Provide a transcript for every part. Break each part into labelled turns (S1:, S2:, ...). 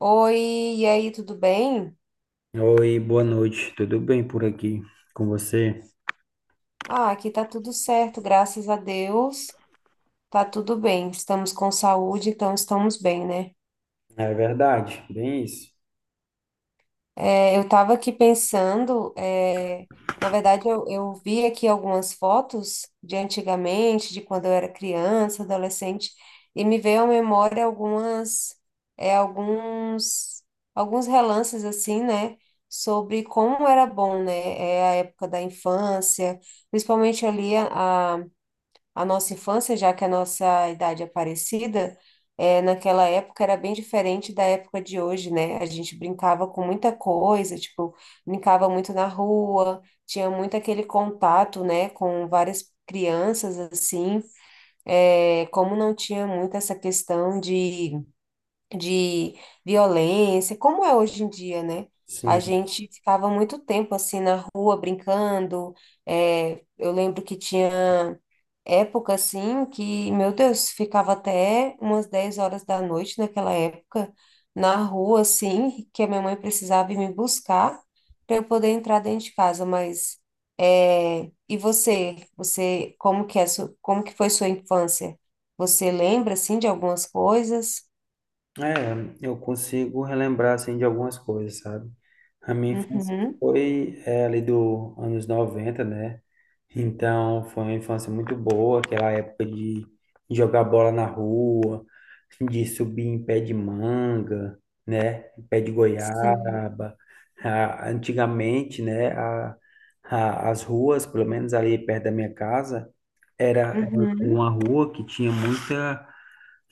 S1: Oi, e aí, tudo bem?
S2: Oi, boa noite. Tudo bem por aqui com você?
S1: Ah, aqui tá tudo certo, graças a Deus. Tá tudo bem, estamos com saúde, então estamos bem, né?
S2: É verdade, bem isso.
S1: Eu tava aqui pensando, na verdade, eu vi aqui algumas fotos de antigamente, de quando eu era criança, adolescente, e me veio à memória é, alguns, alguns relances, assim, né? Sobre como era bom, né? A época da infância, principalmente ali a nossa infância, já que a nossa idade é parecida, é, naquela época era bem diferente da época de hoje, né? A gente brincava com muita coisa, tipo, brincava muito na rua, tinha muito aquele contato, né, com várias crianças, assim. É, como não tinha muito essa questão de violência, como é hoje em dia, né? A
S2: Sim.
S1: gente ficava muito tempo assim na rua brincando. Eu lembro que tinha época assim que, meu Deus, ficava até umas 10 horas da noite naquela época na rua assim, que a minha mãe precisava ir me buscar para eu poder entrar dentro de casa, mas é, e você como que como que foi sua infância? Você lembra assim de algumas coisas?
S2: É, eu consigo relembrar, assim, de algumas coisas, sabe? A minha infância
S1: Uhum.
S2: foi, é, ali do anos 90, né? Então, foi uma infância muito boa, aquela época de jogar bola na rua, de subir em pé de manga, né? Em pé de
S1: Sim.
S2: goiaba. Ah, antigamente, né? As ruas, pelo menos ali perto da minha casa, era
S1: Uhum.
S2: uma rua que tinha muita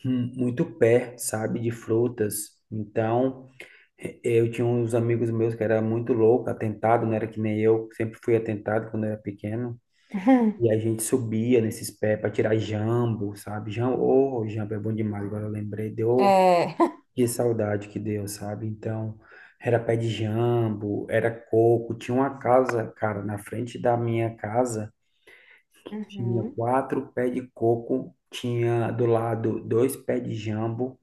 S2: muito pé, sabe, de frutas. Então, eu tinha uns amigos meus que era muito louco, atentado, não era que nem eu, sempre fui atentado quando eu era pequeno.
S1: Uhum.
S2: E a gente subia nesses pés para tirar jambo, sabe? Jambo, oh, jambo é bom demais, agora eu lembrei, deu,
S1: É.
S2: que saudade que deu, sabe? Então, era pé de jambo, era coco, tinha uma casa, cara, na frente da minha casa tinha
S1: Uhum.
S2: quatro pés de coco, tinha do lado dois pés de jambo,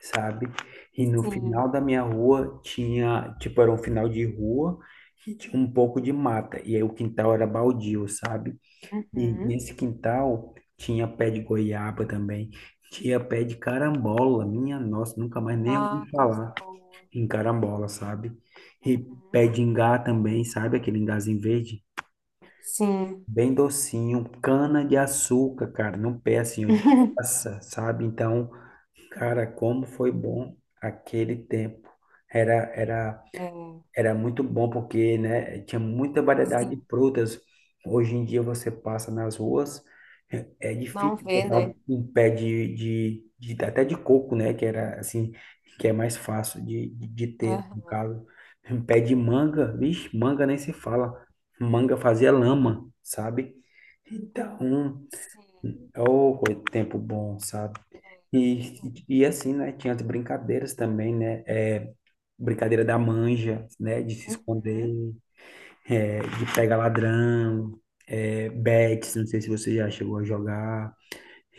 S2: sabe? E no
S1: Sim.
S2: final da minha rua tinha, tipo, era um final de rua e tinha um pouco de mata. E aí o quintal era baldio, sabe? E
S1: Uhum.
S2: nesse quintal tinha pé de goiaba também, tinha pé de carambola, minha nossa, nunca mais nem ouvi
S1: Ah, coisa
S2: falar
S1: boa.
S2: em carambola, sabe? E pé
S1: Uhum.
S2: de ingá também, sabe? Aquele ingazinho verde.
S1: Sim.
S2: Bem docinho, cana de açúcar, cara, no pé assim, ó, de graça, sabe? Então, cara, como foi bom aquele tempo. Era, era
S1: É,
S2: era muito bom porque, né, tinha muita variedade de
S1: sim,
S2: frutas. Hoje em dia você passa nas ruas, é
S1: não
S2: difícil
S1: vê,
S2: encontrar um,
S1: né?
S2: um pé até de coco, né, que era assim, que é mais fácil de ter, no
S1: Aham,
S2: caso. Um pé de manga, vixe, manga nem se fala. Manga fazia lama, sabe? Então,
S1: sim. É,
S2: ô, oh, tempo bom, sabe? E,
S1: bom,
S2: e assim, né? Tinha as brincadeiras também, né? É, brincadeira da manja, né? De se esconder,
S1: uhum,
S2: é, de pegar ladrão, é, bets, não sei se você já chegou a jogar,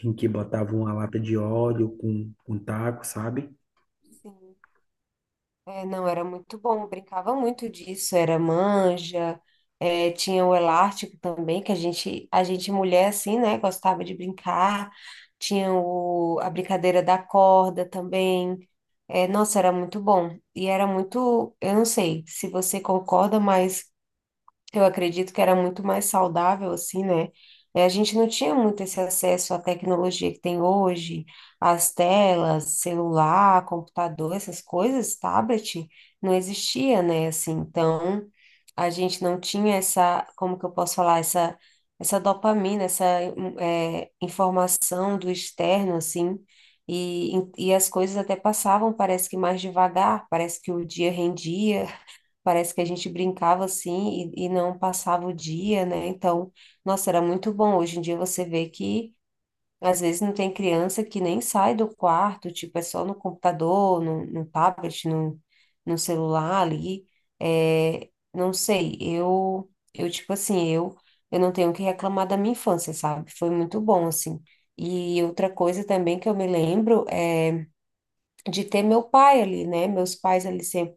S2: em que botava uma
S1: aham,
S2: lata de óleo com taco, sabe?
S1: sim. É, não, era muito bom, eu brincava muito disso, era manja, é, tinha o elástico também, que a gente mulher, assim, né, gostava de brincar, tinha a brincadeira da corda também, é, nossa, era muito bom, e era muito, eu não sei se você concorda, mas. Eu acredito que era muito mais saudável, assim, né? A gente não tinha muito esse acesso à tecnologia que tem hoje, às telas, celular, computador, essas coisas, tablet, não existia, né? Assim, então, a gente não tinha como que eu posso falar, essa dopamina, informação do externo, assim, e as coisas até passavam, parece que mais devagar, parece que o dia rendia. Parece que a gente brincava assim e não passava o dia, né? Então, nossa, era muito bom. Hoje em dia você vê que às vezes não tem criança que nem sai do quarto, tipo, é só no computador, no tablet, no celular ali. É, não sei, eu tipo assim, eu não tenho o que reclamar da minha infância, sabe? Foi muito bom, assim. E outra coisa também que eu me lembro de ter meu pai ali, né? Meus pais ali sempre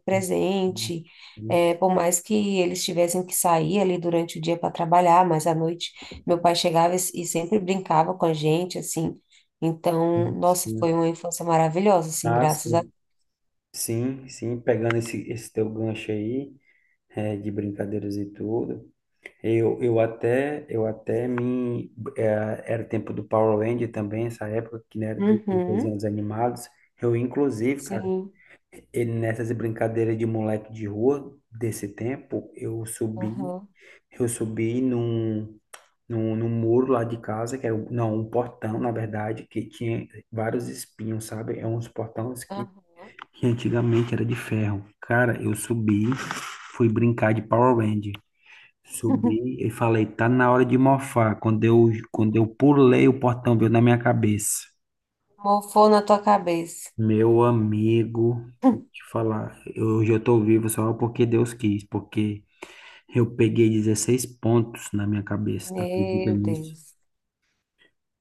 S2: Sim,
S1: presente,
S2: sim,
S1: é, por mais que eles tivessem que sair ali durante o dia para trabalhar, mas à noite meu pai chegava e sempre brincava com a gente, assim. Então, nossa, foi
S2: sim.
S1: uma infância maravilhosa, assim,
S2: Ah,
S1: graças a
S2: sim, sim, sim, pegando esse teu gancho aí, é, de brincadeiras e tudo. Eu até me, eh, era tempo do Power Ranger também, essa época que né, era dos
S1: uhum,
S2: desenhos animados. Eu, inclusive, cara,
S1: sim,
S2: e nessas brincadeiras de moleque de rua desse tempo, eu subi,
S1: uhum,
S2: eu subi num muro lá de casa, que era, não, um portão, na verdade, que tinha vários espinhos, sabe? É uns portões que,
S1: uhum.
S2: que antigamente era de ferro. Cara, eu subi, fui brincar de Power Ranger. Subi e falei, tá na hora de mofar. Quando eu pulei, o portão veio na minha cabeça.
S1: Mofou na tua cabeça.
S2: Meu amigo, te falar, hoje eu tô vivo só porque Deus quis, porque eu peguei 16 pontos na minha cabeça, tá acredita
S1: Meu
S2: nisso?
S1: Deus.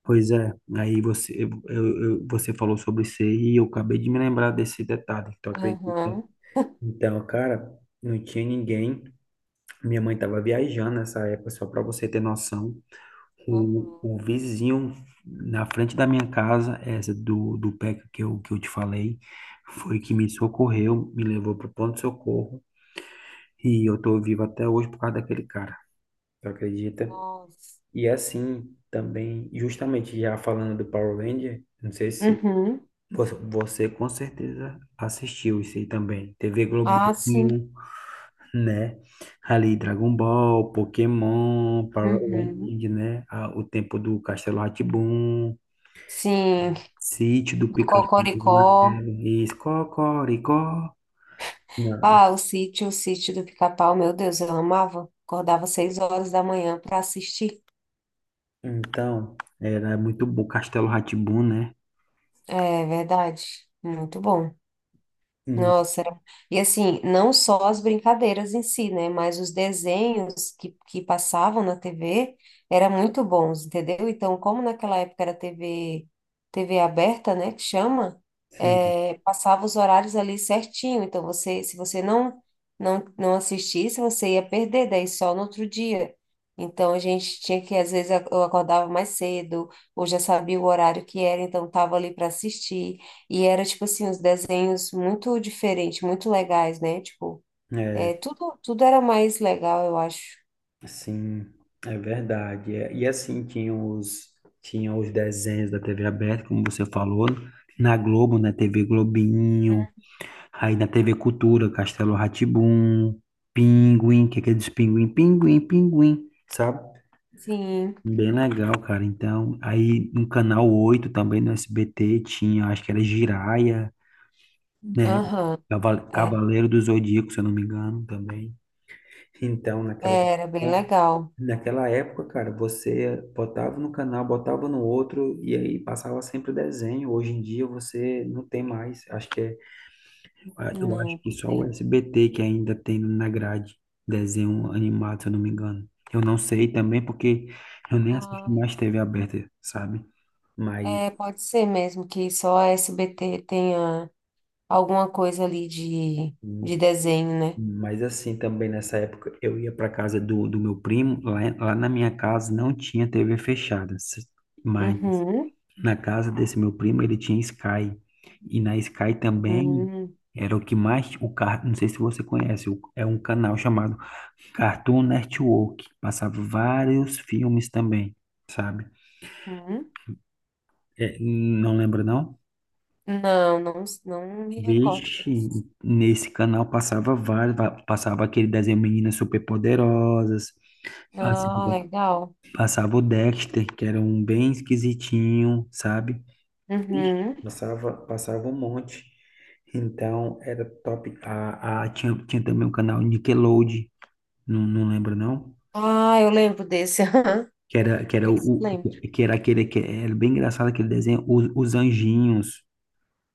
S2: Pois é, aí você, você falou sobre isso aí e eu acabei de me lembrar desse detalhe, tu acredita?
S1: Uhum,
S2: Então, cara, não tinha ninguém, minha mãe tava viajando nessa época, só pra você ter noção. O,
S1: uhum,
S2: o vizinho na frente da minha casa, essa do PECA que eu te falei, foi que
S1: sim,
S2: me socorreu, me levou para o ponto de socorro e eu tô vivo até hoje por causa daquele cara. Tu acredita?
S1: nossa.
S2: E assim também, justamente já falando do Power Ranger, não sei se
S1: Uhum.
S2: você com certeza assistiu isso aí também. TV
S1: Ah, sim.
S2: Globinho, né? Ali Dragon Ball, Pokémon, Power
S1: Uhum.
S2: Ranger, né? Ah, o tempo do Castelo rá tim
S1: Sim.
S2: Sítio do
S1: Do
S2: Pica-Pau
S1: Cocoricó.
S2: Amarelo, isso, Cocoricó. Não.
S1: Ah, o sítio, do Pica-Pau, meu Deus, eu amava. Acordava seis horas da manhã para assistir.
S2: Então, era muito bom, Castelo rá né?
S1: É verdade. Muito bom.
S2: Hum,
S1: Nossa, era, e assim, não só as brincadeiras em si, né, mas os desenhos que passavam na TV eram muito bons, entendeu? Então, como naquela época era TV aberta, né, que chama,
S2: sim,
S1: é, passava os horários ali certinho, então se você não assistisse, você ia perder, daí só no outro dia. Então, a gente tinha que, às vezes, eu acordava mais cedo, ou já sabia o horário que era, então estava ali para assistir. E era, tipo assim, os desenhos muito diferentes, muito legais, né? Tipo,
S2: é,
S1: é, tudo era mais legal, eu acho.
S2: sim, é verdade. É, e assim, tinha os desenhos da TV aberta, como você falou, na Globo, na TV Globinho,
S1: Uhum.
S2: aí na TV Cultura, Castelo rá Pinguim, que é aquele dos pinguim, pinguim, pinguim, sabe?
S1: Sim,
S2: Bem legal, cara. Então, aí no canal 8 também no SBT tinha, acho que era Jiraya, né?
S1: aham,
S2: Cava-
S1: é,
S2: Cavaleiro do Zodíaco, se eu não me engano, também. Então, naquela,
S1: é, era bem
S2: época-
S1: legal.
S2: naquela época, cara, você botava no canal, botava no outro e aí passava sempre desenho. Hoje em dia você não tem mais. Acho que é ah, Eu acho
S1: Não,
S2: que
S1: não
S2: só o
S1: tem.
S2: SBT que ainda tem na grade desenho animado, se eu não me engano. Eu não sei também porque eu nem assisto
S1: Ah,
S2: mais TV aberta, sabe? Mas,
S1: é, pode ser mesmo que só a SBT tenha alguma coisa ali de desenho, né?
S2: mas assim, também nessa época eu ia para casa do meu primo, lá na minha casa não tinha TV fechada, mas
S1: Uhum,
S2: na casa desse meu primo ele tinha Sky. E na Sky também
S1: uhum,
S2: era o que mais, não sei se você conhece, é um canal chamado Cartoon Network. Passava vários filmes também, sabe?
S1: uhum.
S2: É, não lembra, não?
S1: Não, não me recordo
S2: Vixe,
S1: desse.
S2: nesse canal passava vários. Passava aquele desenho Meninas Superpoderosas. Passava,
S1: Ah, legal.
S2: passava o Dexter, que era um bem esquisitinho, sabe? Vixe,
S1: Uhum.
S2: passava um monte. Então, era top. Tinha também o canal Nickelodeon. Não, não lembra, não?
S1: Ah, eu lembro desse.
S2: Que era, que era, o,
S1: Esse eu lembro.
S2: que era aquele que era bem engraçado aquele desenho, os anjinhos,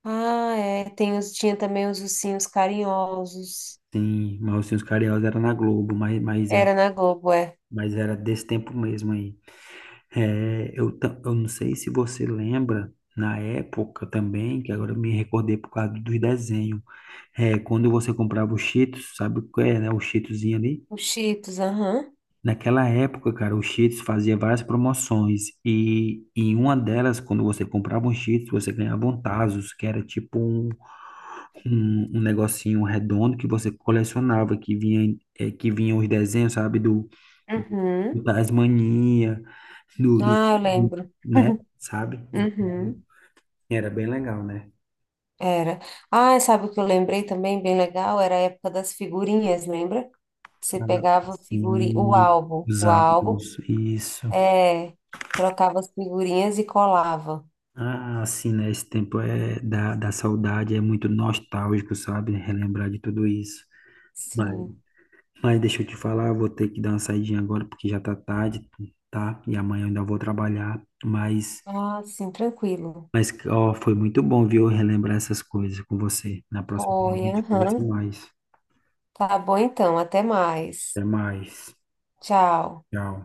S1: Ah, é. Tem os, tinha também os ursinhos carinhosos.
S2: sim, mas assim, os Carinhosos era na Globo, mas, mas, é,
S1: Era na Globo, é.
S2: mas era desse tempo mesmo aí. É, eu não sei se você lembra, na época também, que agora eu me recordei por causa dos desenhos, é, quando você comprava o Cheetos, sabe o que é, né, o Cheetoszinho ali?
S1: Os Cheetos, aham.
S2: Naquela época, cara, o Cheetos fazia várias promoções e, em uma delas, quando você comprava um Cheetos, você ganhava um Tazos, que era tipo um negocinho redondo que você colecionava, que vinha, é, que vinha os desenhos, sabe, do
S1: Uhum.
S2: Tasmania, do, do,
S1: Ah, eu
S2: do-
S1: lembro.
S2: né, sabe?
S1: Uhum.
S2: Então, era bem legal, né?
S1: Era. Ah, sabe o que eu lembrei também, bem legal? Era a época das figurinhas, lembra? Você
S2: Ah,
S1: pegava figurinha, o
S2: sim,
S1: álbum,
S2: os álbuns, isso.
S1: é, trocava as figurinhas e colava.
S2: Ah, assim, né, esse tempo é da saudade, é muito nostálgico, sabe? Relembrar de tudo isso. Mas,
S1: Sim.
S2: mas deixa eu te falar, eu vou ter que dar uma saidinha agora, porque já tá tarde, tá? E amanhã eu ainda vou trabalhar, mas
S1: Ah, sim, tranquilo.
S2: Mas, ó, foi muito bom, viu, relembrar essas coisas com você. Na próxima vez a
S1: Foi,
S2: gente conversa
S1: aham.
S2: mais.
S1: Tá bom então, até mais.
S2: Até mais.
S1: Tchau.
S2: Tchau.